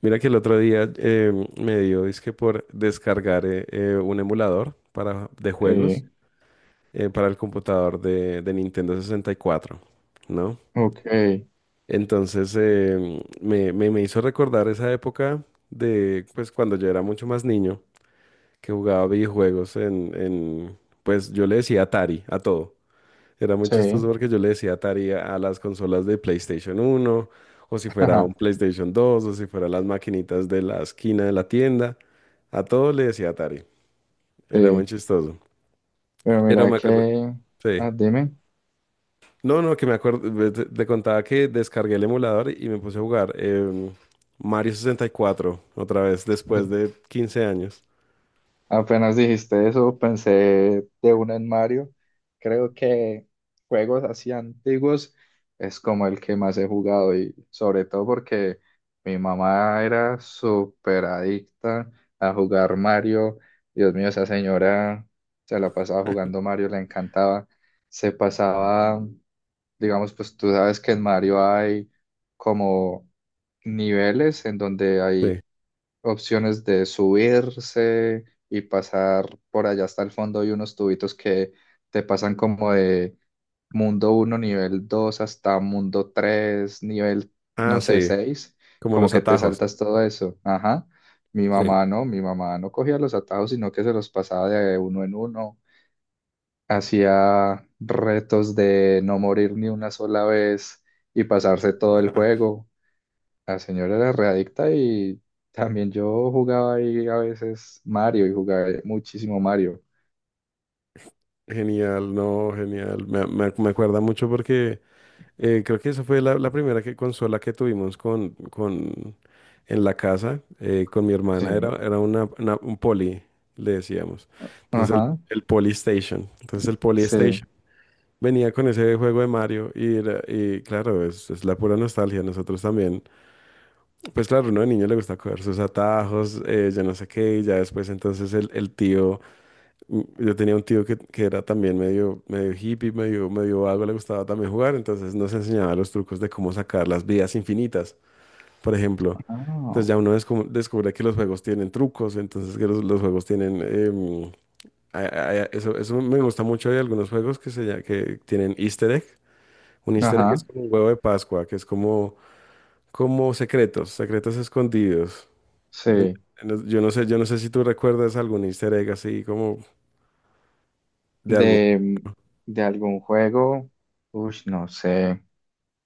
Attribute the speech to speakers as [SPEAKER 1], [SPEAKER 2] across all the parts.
[SPEAKER 1] Mira que el otro día me dio, dizque por descargar un emulador de juegos
[SPEAKER 2] Sí.
[SPEAKER 1] para el computador de Nintendo 64, ¿no?
[SPEAKER 2] Ok.
[SPEAKER 1] Entonces me hizo recordar esa época de, pues, cuando yo era mucho más niño, que jugaba videojuegos pues, yo le decía Atari a todo. Era muy chistoso
[SPEAKER 2] Sí.
[SPEAKER 1] porque yo le decía Atari a las consolas de PlayStation uno, o si fuera un
[SPEAKER 2] Ajá.
[SPEAKER 1] PlayStation dos, o si fuera las maquinitas de la esquina de la tienda. A todo le decía Atari. Era muy
[SPEAKER 2] Sí,
[SPEAKER 1] chistoso.
[SPEAKER 2] pero
[SPEAKER 1] Pero
[SPEAKER 2] mira
[SPEAKER 1] me acuerdo.
[SPEAKER 2] que,
[SPEAKER 1] Sí.
[SPEAKER 2] ah, dime.
[SPEAKER 1] No, no, que me acuerdo. Te contaba que descargué el emulador y me puse a jugar Mario 64 otra vez después de 15 años.
[SPEAKER 2] Apenas dijiste eso, pensé de una en Mario. Creo que juegos así antiguos es como el que más he jugado, y sobre todo porque mi mamá era súper adicta a jugar Mario. Dios mío, esa señora se la pasaba jugando Mario, le encantaba, se pasaba. Digamos, pues tú sabes que en Mario hay como niveles en donde hay
[SPEAKER 1] Sí.
[SPEAKER 2] opciones de subirse y pasar por allá hasta el fondo y unos tubitos que te pasan como de mundo uno nivel 2 hasta mundo 3 nivel,
[SPEAKER 1] Ah,
[SPEAKER 2] no sé,
[SPEAKER 1] sí.
[SPEAKER 2] seis,
[SPEAKER 1] Como
[SPEAKER 2] como
[SPEAKER 1] los
[SPEAKER 2] que te
[SPEAKER 1] atajos.
[SPEAKER 2] saltas todo eso. Ajá.
[SPEAKER 1] Sí.
[SPEAKER 2] Mi mamá no cogía los atajos, sino que se los pasaba de uno en uno, hacía retos de no morir ni una sola vez y pasarse todo el juego. La señora era readicta, y también yo jugaba ahí a veces Mario y jugaba muchísimo Mario.
[SPEAKER 1] Genial, no, genial. Me acuerda mucho porque creo que esa fue la primera que, consola que tuvimos en la casa, con mi hermana, era,
[SPEAKER 2] Sí.
[SPEAKER 1] era un Poli, le decíamos. Entonces el,
[SPEAKER 2] Ajá,
[SPEAKER 1] el Poli Station. Entonces el Poli
[SPEAKER 2] sí.
[SPEAKER 1] Station venía con ese juego de Mario y, y claro, es la pura nostalgia. Nosotros también, pues claro, uno de niño le gusta coger sus atajos, yo no sé qué, y ya después entonces el tío... yo tenía un tío que era también medio, medio hippie, medio, medio vago, le gustaba también jugar, entonces nos enseñaba los trucos de cómo sacar las vidas infinitas, por ejemplo. Entonces
[SPEAKER 2] Ah.
[SPEAKER 1] ya uno descu- descubre que los juegos tienen trucos, entonces que los juegos tienen... eso me gusta mucho de algunos juegos que tienen easter egg. Un easter egg es
[SPEAKER 2] Ajá,
[SPEAKER 1] como un huevo de Pascua, que es como, como secretos, secretos escondidos. En-
[SPEAKER 2] sí.
[SPEAKER 1] yo no sé si tú recuerdas algún easter egg así como de algo.
[SPEAKER 2] ¿De, de algún juego? Uy, no sé.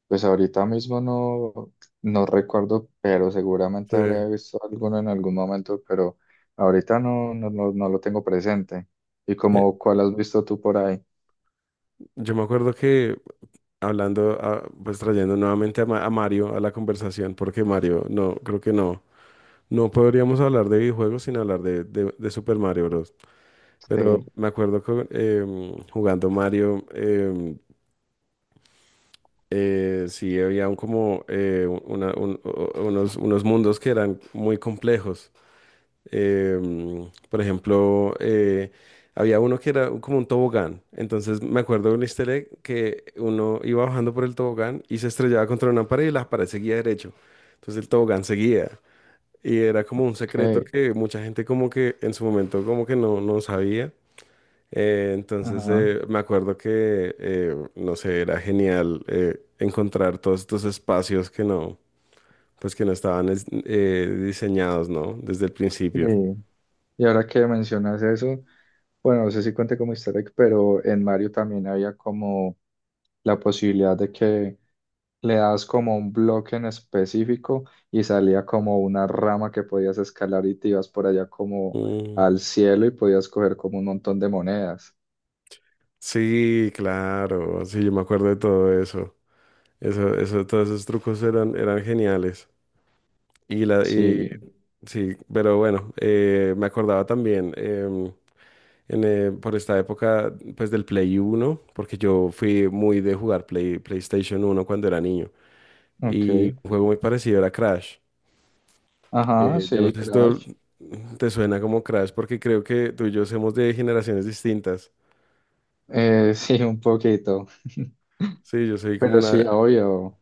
[SPEAKER 2] Pues ahorita mismo no, no recuerdo, pero seguramente
[SPEAKER 1] Sí.
[SPEAKER 2] habría visto alguno en algún momento, pero ahorita no, no, no, no lo tengo presente. ¿Y como cuál has visto tú por ahí?
[SPEAKER 1] Yo me acuerdo que hablando, pues trayendo nuevamente a, a Mario a la conversación, porque Mario, no, creo que no. No podríamos hablar de videojuegos sin hablar de Super Mario Bros. Pero
[SPEAKER 2] Sí.
[SPEAKER 1] me acuerdo que jugando Mario, sí había un como unos mundos que eran muy complejos. Por ejemplo, había uno que era como un tobogán. Entonces me acuerdo de un easter egg que uno iba bajando por el tobogán y se estrellaba contra una pared y la pared seguía derecho. Entonces el tobogán seguía. Y era como un secreto
[SPEAKER 2] Ok.
[SPEAKER 1] que mucha gente como que en su momento como que no, no sabía. Eh, entonces
[SPEAKER 2] Ajá.
[SPEAKER 1] eh, me acuerdo que, no sé, era genial encontrar todos estos espacios que no, pues que no estaban diseñados, ¿no? Desde el
[SPEAKER 2] Sí.
[SPEAKER 1] principio.
[SPEAKER 2] Y ahora que mencionas eso, bueno, no sé si cuente como easter egg, pero en Mario también había como la posibilidad de que le das como un bloque en específico y salía como una rama que podías escalar y te ibas por allá como
[SPEAKER 1] Mm.
[SPEAKER 2] al cielo y podías coger como un montón de monedas.
[SPEAKER 1] Sí, claro, sí, yo me acuerdo de todo eso. Eso, todos esos trucos eran geniales. Y
[SPEAKER 2] Sí.
[SPEAKER 1] sí, pero bueno, me acordaba también por esta época, pues del Play Uno, porque yo fui muy de jugar Play, PlayStation Uno cuando era niño. Y
[SPEAKER 2] Ok.
[SPEAKER 1] un juego muy parecido era Crash.
[SPEAKER 2] Ajá,
[SPEAKER 1] Yo no
[SPEAKER 2] sí,
[SPEAKER 1] sé si
[SPEAKER 2] Crash.
[SPEAKER 1] te suena como Crash, porque creo que tú y yo somos de generaciones distintas.
[SPEAKER 2] Sí, un poquito.
[SPEAKER 1] Sí, yo soy como
[SPEAKER 2] Pero
[SPEAKER 1] una,
[SPEAKER 2] sí, obvio.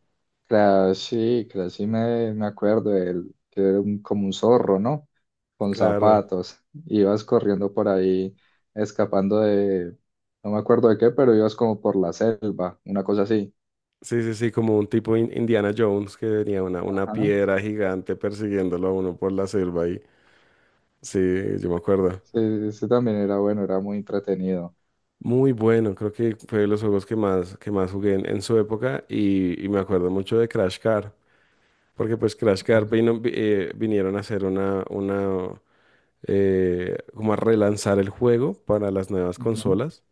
[SPEAKER 2] Crash, sí me acuerdo de él, que era como un zorro, ¿no? Con
[SPEAKER 1] claro.
[SPEAKER 2] zapatos. Ibas corriendo por ahí, escapando de, no me acuerdo de qué, pero ibas como por la selva, una cosa así.
[SPEAKER 1] Sí, sí, sí, como un tipo Indiana Jones que tenía una
[SPEAKER 2] Ajá.
[SPEAKER 1] piedra gigante persiguiéndolo a uno por la selva y sí, yo me acuerdo.
[SPEAKER 2] Sí, ese también era bueno, era muy entretenido.
[SPEAKER 1] Muy bueno, creo que fue de los juegos que más jugué en su época y me acuerdo mucho de Crash Car, porque pues Crash Car vino- vi- vinieron a hacer una como a relanzar el juego para las nuevas
[SPEAKER 2] Ujú.
[SPEAKER 1] consolas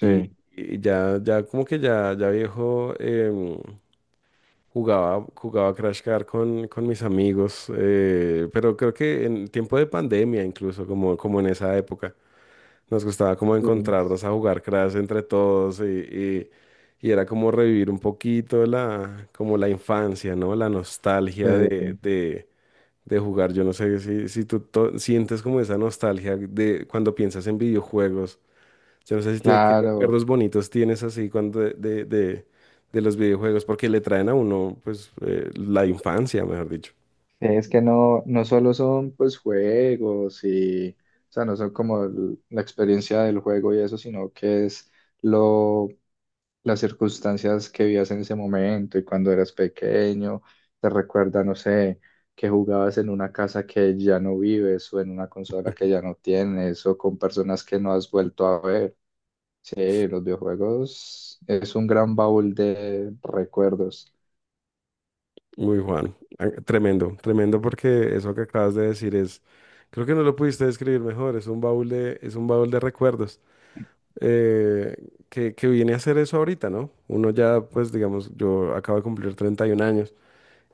[SPEAKER 1] y, y ya, ya como que ya, ya viejo. Jugaba Crash Car con mis amigos, pero creo que en tiempo de pandemia incluso, como, como en esa época, nos gustaba como
[SPEAKER 2] sí,
[SPEAKER 1] encontrarnos a jugar Crash entre todos y era como revivir un poquito la, como la infancia, ¿no? La nostalgia
[SPEAKER 2] sí,
[SPEAKER 1] de jugar. Yo no sé si, si tú sientes como esa nostalgia de cuando piensas en videojuegos, yo no sé si tiene, qué
[SPEAKER 2] claro.
[SPEAKER 1] recuerdos bonitos tienes así cuando de los videojuegos, porque le traen a uno, pues, la infancia, mejor dicho.
[SPEAKER 2] Es que no, no solo son pues juegos y, o sea, no son como la experiencia del juego y eso, sino que es lo, las circunstancias que vivías en ese momento y cuando eras pequeño, te recuerda, no sé, que jugabas en una casa que ya no vives, o en una consola que ya no tienes, o con personas que no has vuelto a ver. Sí, los videojuegos es un gran baúl de recuerdos.
[SPEAKER 1] Muy Juan, ah, tremendo, tremendo porque eso que acabas de decir es, creo que no lo pudiste describir mejor, es un baúl es un baúl de recuerdos, eh, que viene a ser eso ahorita, ¿no? Uno ya, pues, digamos, yo acabo de cumplir 31 años.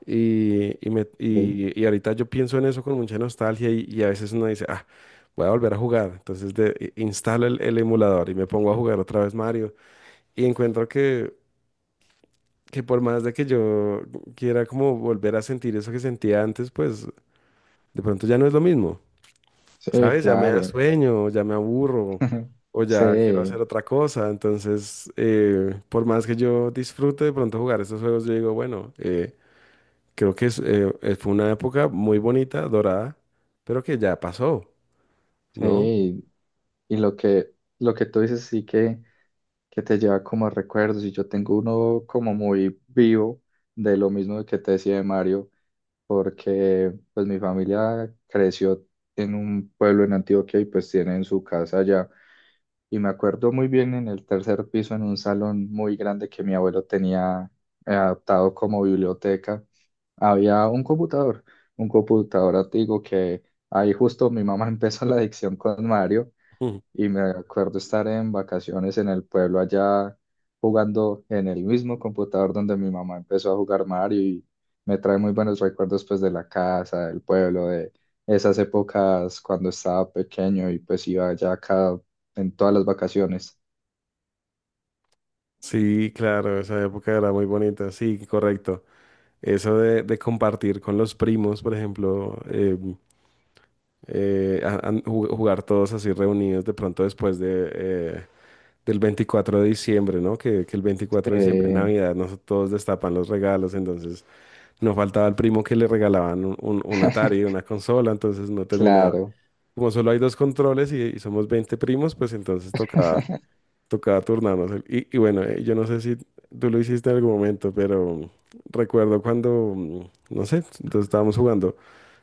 [SPEAKER 1] Y, y, me-
[SPEAKER 2] Sí.
[SPEAKER 1] y- y ahorita yo pienso en eso con mucha nostalgia y a veces uno dice, ah, voy a volver a jugar. Entonces instalo el emulador y me pongo a jugar otra vez Mario. Y encuentro que por más de que yo quiera como volver a sentir eso que sentía antes, pues de pronto ya no es lo mismo.
[SPEAKER 2] Sí,
[SPEAKER 1] ¿Sabes? Ya me da
[SPEAKER 2] claro.
[SPEAKER 1] sueño, ya me aburro o ya quiero hacer
[SPEAKER 2] Sí,
[SPEAKER 1] otra cosa. Entonces, por más que yo disfrute de pronto jugar esos juegos, yo digo, bueno, creo que es, fue una época muy bonita, dorada, pero que ya pasó, ¿no?
[SPEAKER 2] sí. Y lo que tú dices sí, que te lleva como a recuerdos. Y yo tengo uno como muy vivo de lo mismo que te decía de Mario, porque pues mi familia creció en un pueblo en Antioquia y pues tienen su casa allá. Y me acuerdo muy bien en el tercer piso, en un salón muy grande que mi abuelo tenía adaptado como biblioteca, había un computador antiguo, que ahí justo mi mamá empezó la adicción con Mario,
[SPEAKER 1] Mm.
[SPEAKER 2] y me acuerdo estar en vacaciones en el pueblo allá jugando en el mismo computador donde mi mamá empezó a jugar Mario, y me trae muy buenos recuerdos pues de la casa, del pueblo, de esas épocas cuando estaba pequeño y pues iba allá cada, en todas las vacaciones.
[SPEAKER 1] Sí, claro, esa época era muy bonita, sí, correcto. Eso de compartir con los primos, por ejemplo, jugar todos así reunidos de pronto después de, del 24 de diciembre, ¿no? Que el 24 de diciembre,
[SPEAKER 2] Eh,
[SPEAKER 1] Navidad, nos todos destapan los regalos, entonces no faltaba el primo que le regalaban un Atari, una consola, entonces no terminaba.
[SPEAKER 2] claro,
[SPEAKER 1] Como solo hay dos controles y somos 20 primos, pues entonces toca, toca turnarnos. Y bueno, yo no sé si tú lo hiciste en algún momento, pero recuerdo cuando, mm, no sé, entonces estábamos jugando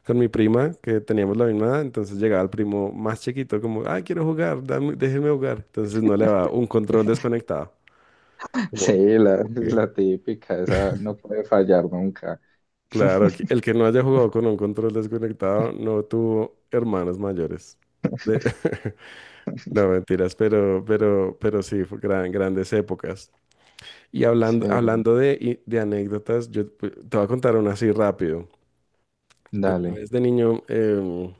[SPEAKER 1] con mi prima, que teníamos la misma edad, entonces llegaba el primo más chiquito, como, ah, quiero jugar, déjeme jugar. Entonces no le daba un control desconectado. Como,
[SPEAKER 2] sí, la,
[SPEAKER 1] "Ok".
[SPEAKER 2] la típica, esa no puede fallar nunca.
[SPEAKER 1] Claro, el que no haya jugado con un control desconectado no tuvo hermanos mayores. De- No, mentiras, pero, pero sí, fue grandes épocas. Y hablando,
[SPEAKER 2] Sí,
[SPEAKER 1] hablando de anécdotas, te voy a contar una así rápido. Una
[SPEAKER 2] dale.
[SPEAKER 1] vez de niño,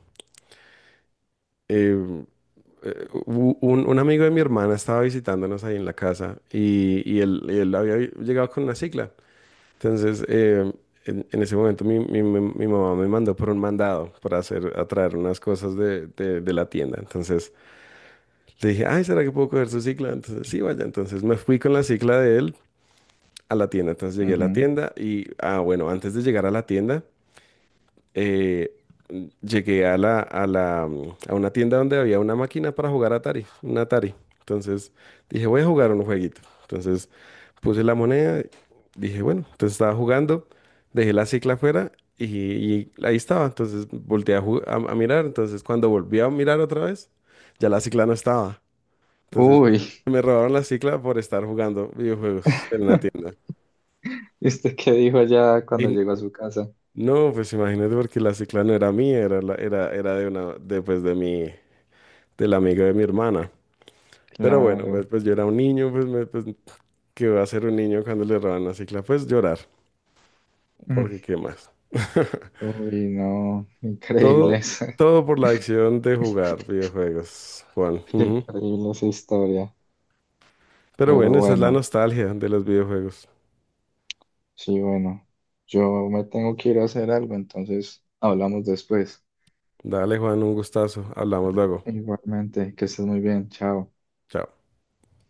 [SPEAKER 1] em, un amigo de mi hermana estaba visitándonos ahí en la casa y él, llegado con una cicla. Entonces, en ese momento mi mamá me mandó por un mandado para hacer, a traer unas cosas de de la tienda. Entonces... le dije, ay, ¿será que puedo coger su cicla? Entonces, sí, vaya. Entonces me fui con la cicla de él a la tienda. Entonces llegué a la
[SPEAKER 2] Ujú.
[SPEAKER 1] tienda y, ah, bueno, antes de llegar a la tienda, eh, llegué a una tienda donde había una máquina para jugar Atari, un Atari. Entonces dije, voy a jugar un jueguito. Entonces puse la moneda, dije, bueno, entonces estaba jugando, dejé la cicla afuera y, y ahí estaba. Entonces volteé a, a mirar. Entonces cuando volví a mirar otra vez, ya la cicla no estaba. Entonces,
[SPEAKER 2] Uy,
[SPEAKER 1] me robaron la cicla por estar jugando videojuegos en la tienda.
[SPEAKER 2] ¿y usted qué dijo allá cuando
[SPEAKER 1] Y
[SPEAKER 2] llegó a su casa?
[SPEAKER 1] no, pues imagínate porque la cicla no era mía, era de una, de, pues, de mi, del amigo de mi hermana. Pero bueno, pues,
[SPEAKER 2] Claro.
[SPEAKER 1] pues yo era un niño, pues, me, pues ¿qué va a ser un niño cuando le roban la cicla? Pues llorar,
[SPEAKER 2] Mm.
[SPEAKER 1] porque ¿qué más?
[SPEAKER 2] Uy, no, increíble
[SPEAKER 1] Todo,
[SPEAKER 2] eso.
[SPEAKER 1] todo por la adicción de jugar videojuegos, Juan. Ujú.
[SPEAKER 2] Increíble esa historia.
[SPEAKER 1] Pero
[SPEAKER 2] Pero
[SPEAKER 1] bueno, esa es la
[SPEAKER 2] bueno,
[SPEAKER 1] nostalgia de los videojuegos.
[SPEAKER 2] sí, bueno. Yo me tengo que ir a hacer algo, entonces hablamos después.
[SPEAKER 1] Dale, Juan, un gustazo. Hablamos luego.
[SPEAKER 2] Igualmente, que estés muy bien. Chao.
[SPEAKER 1] Chao.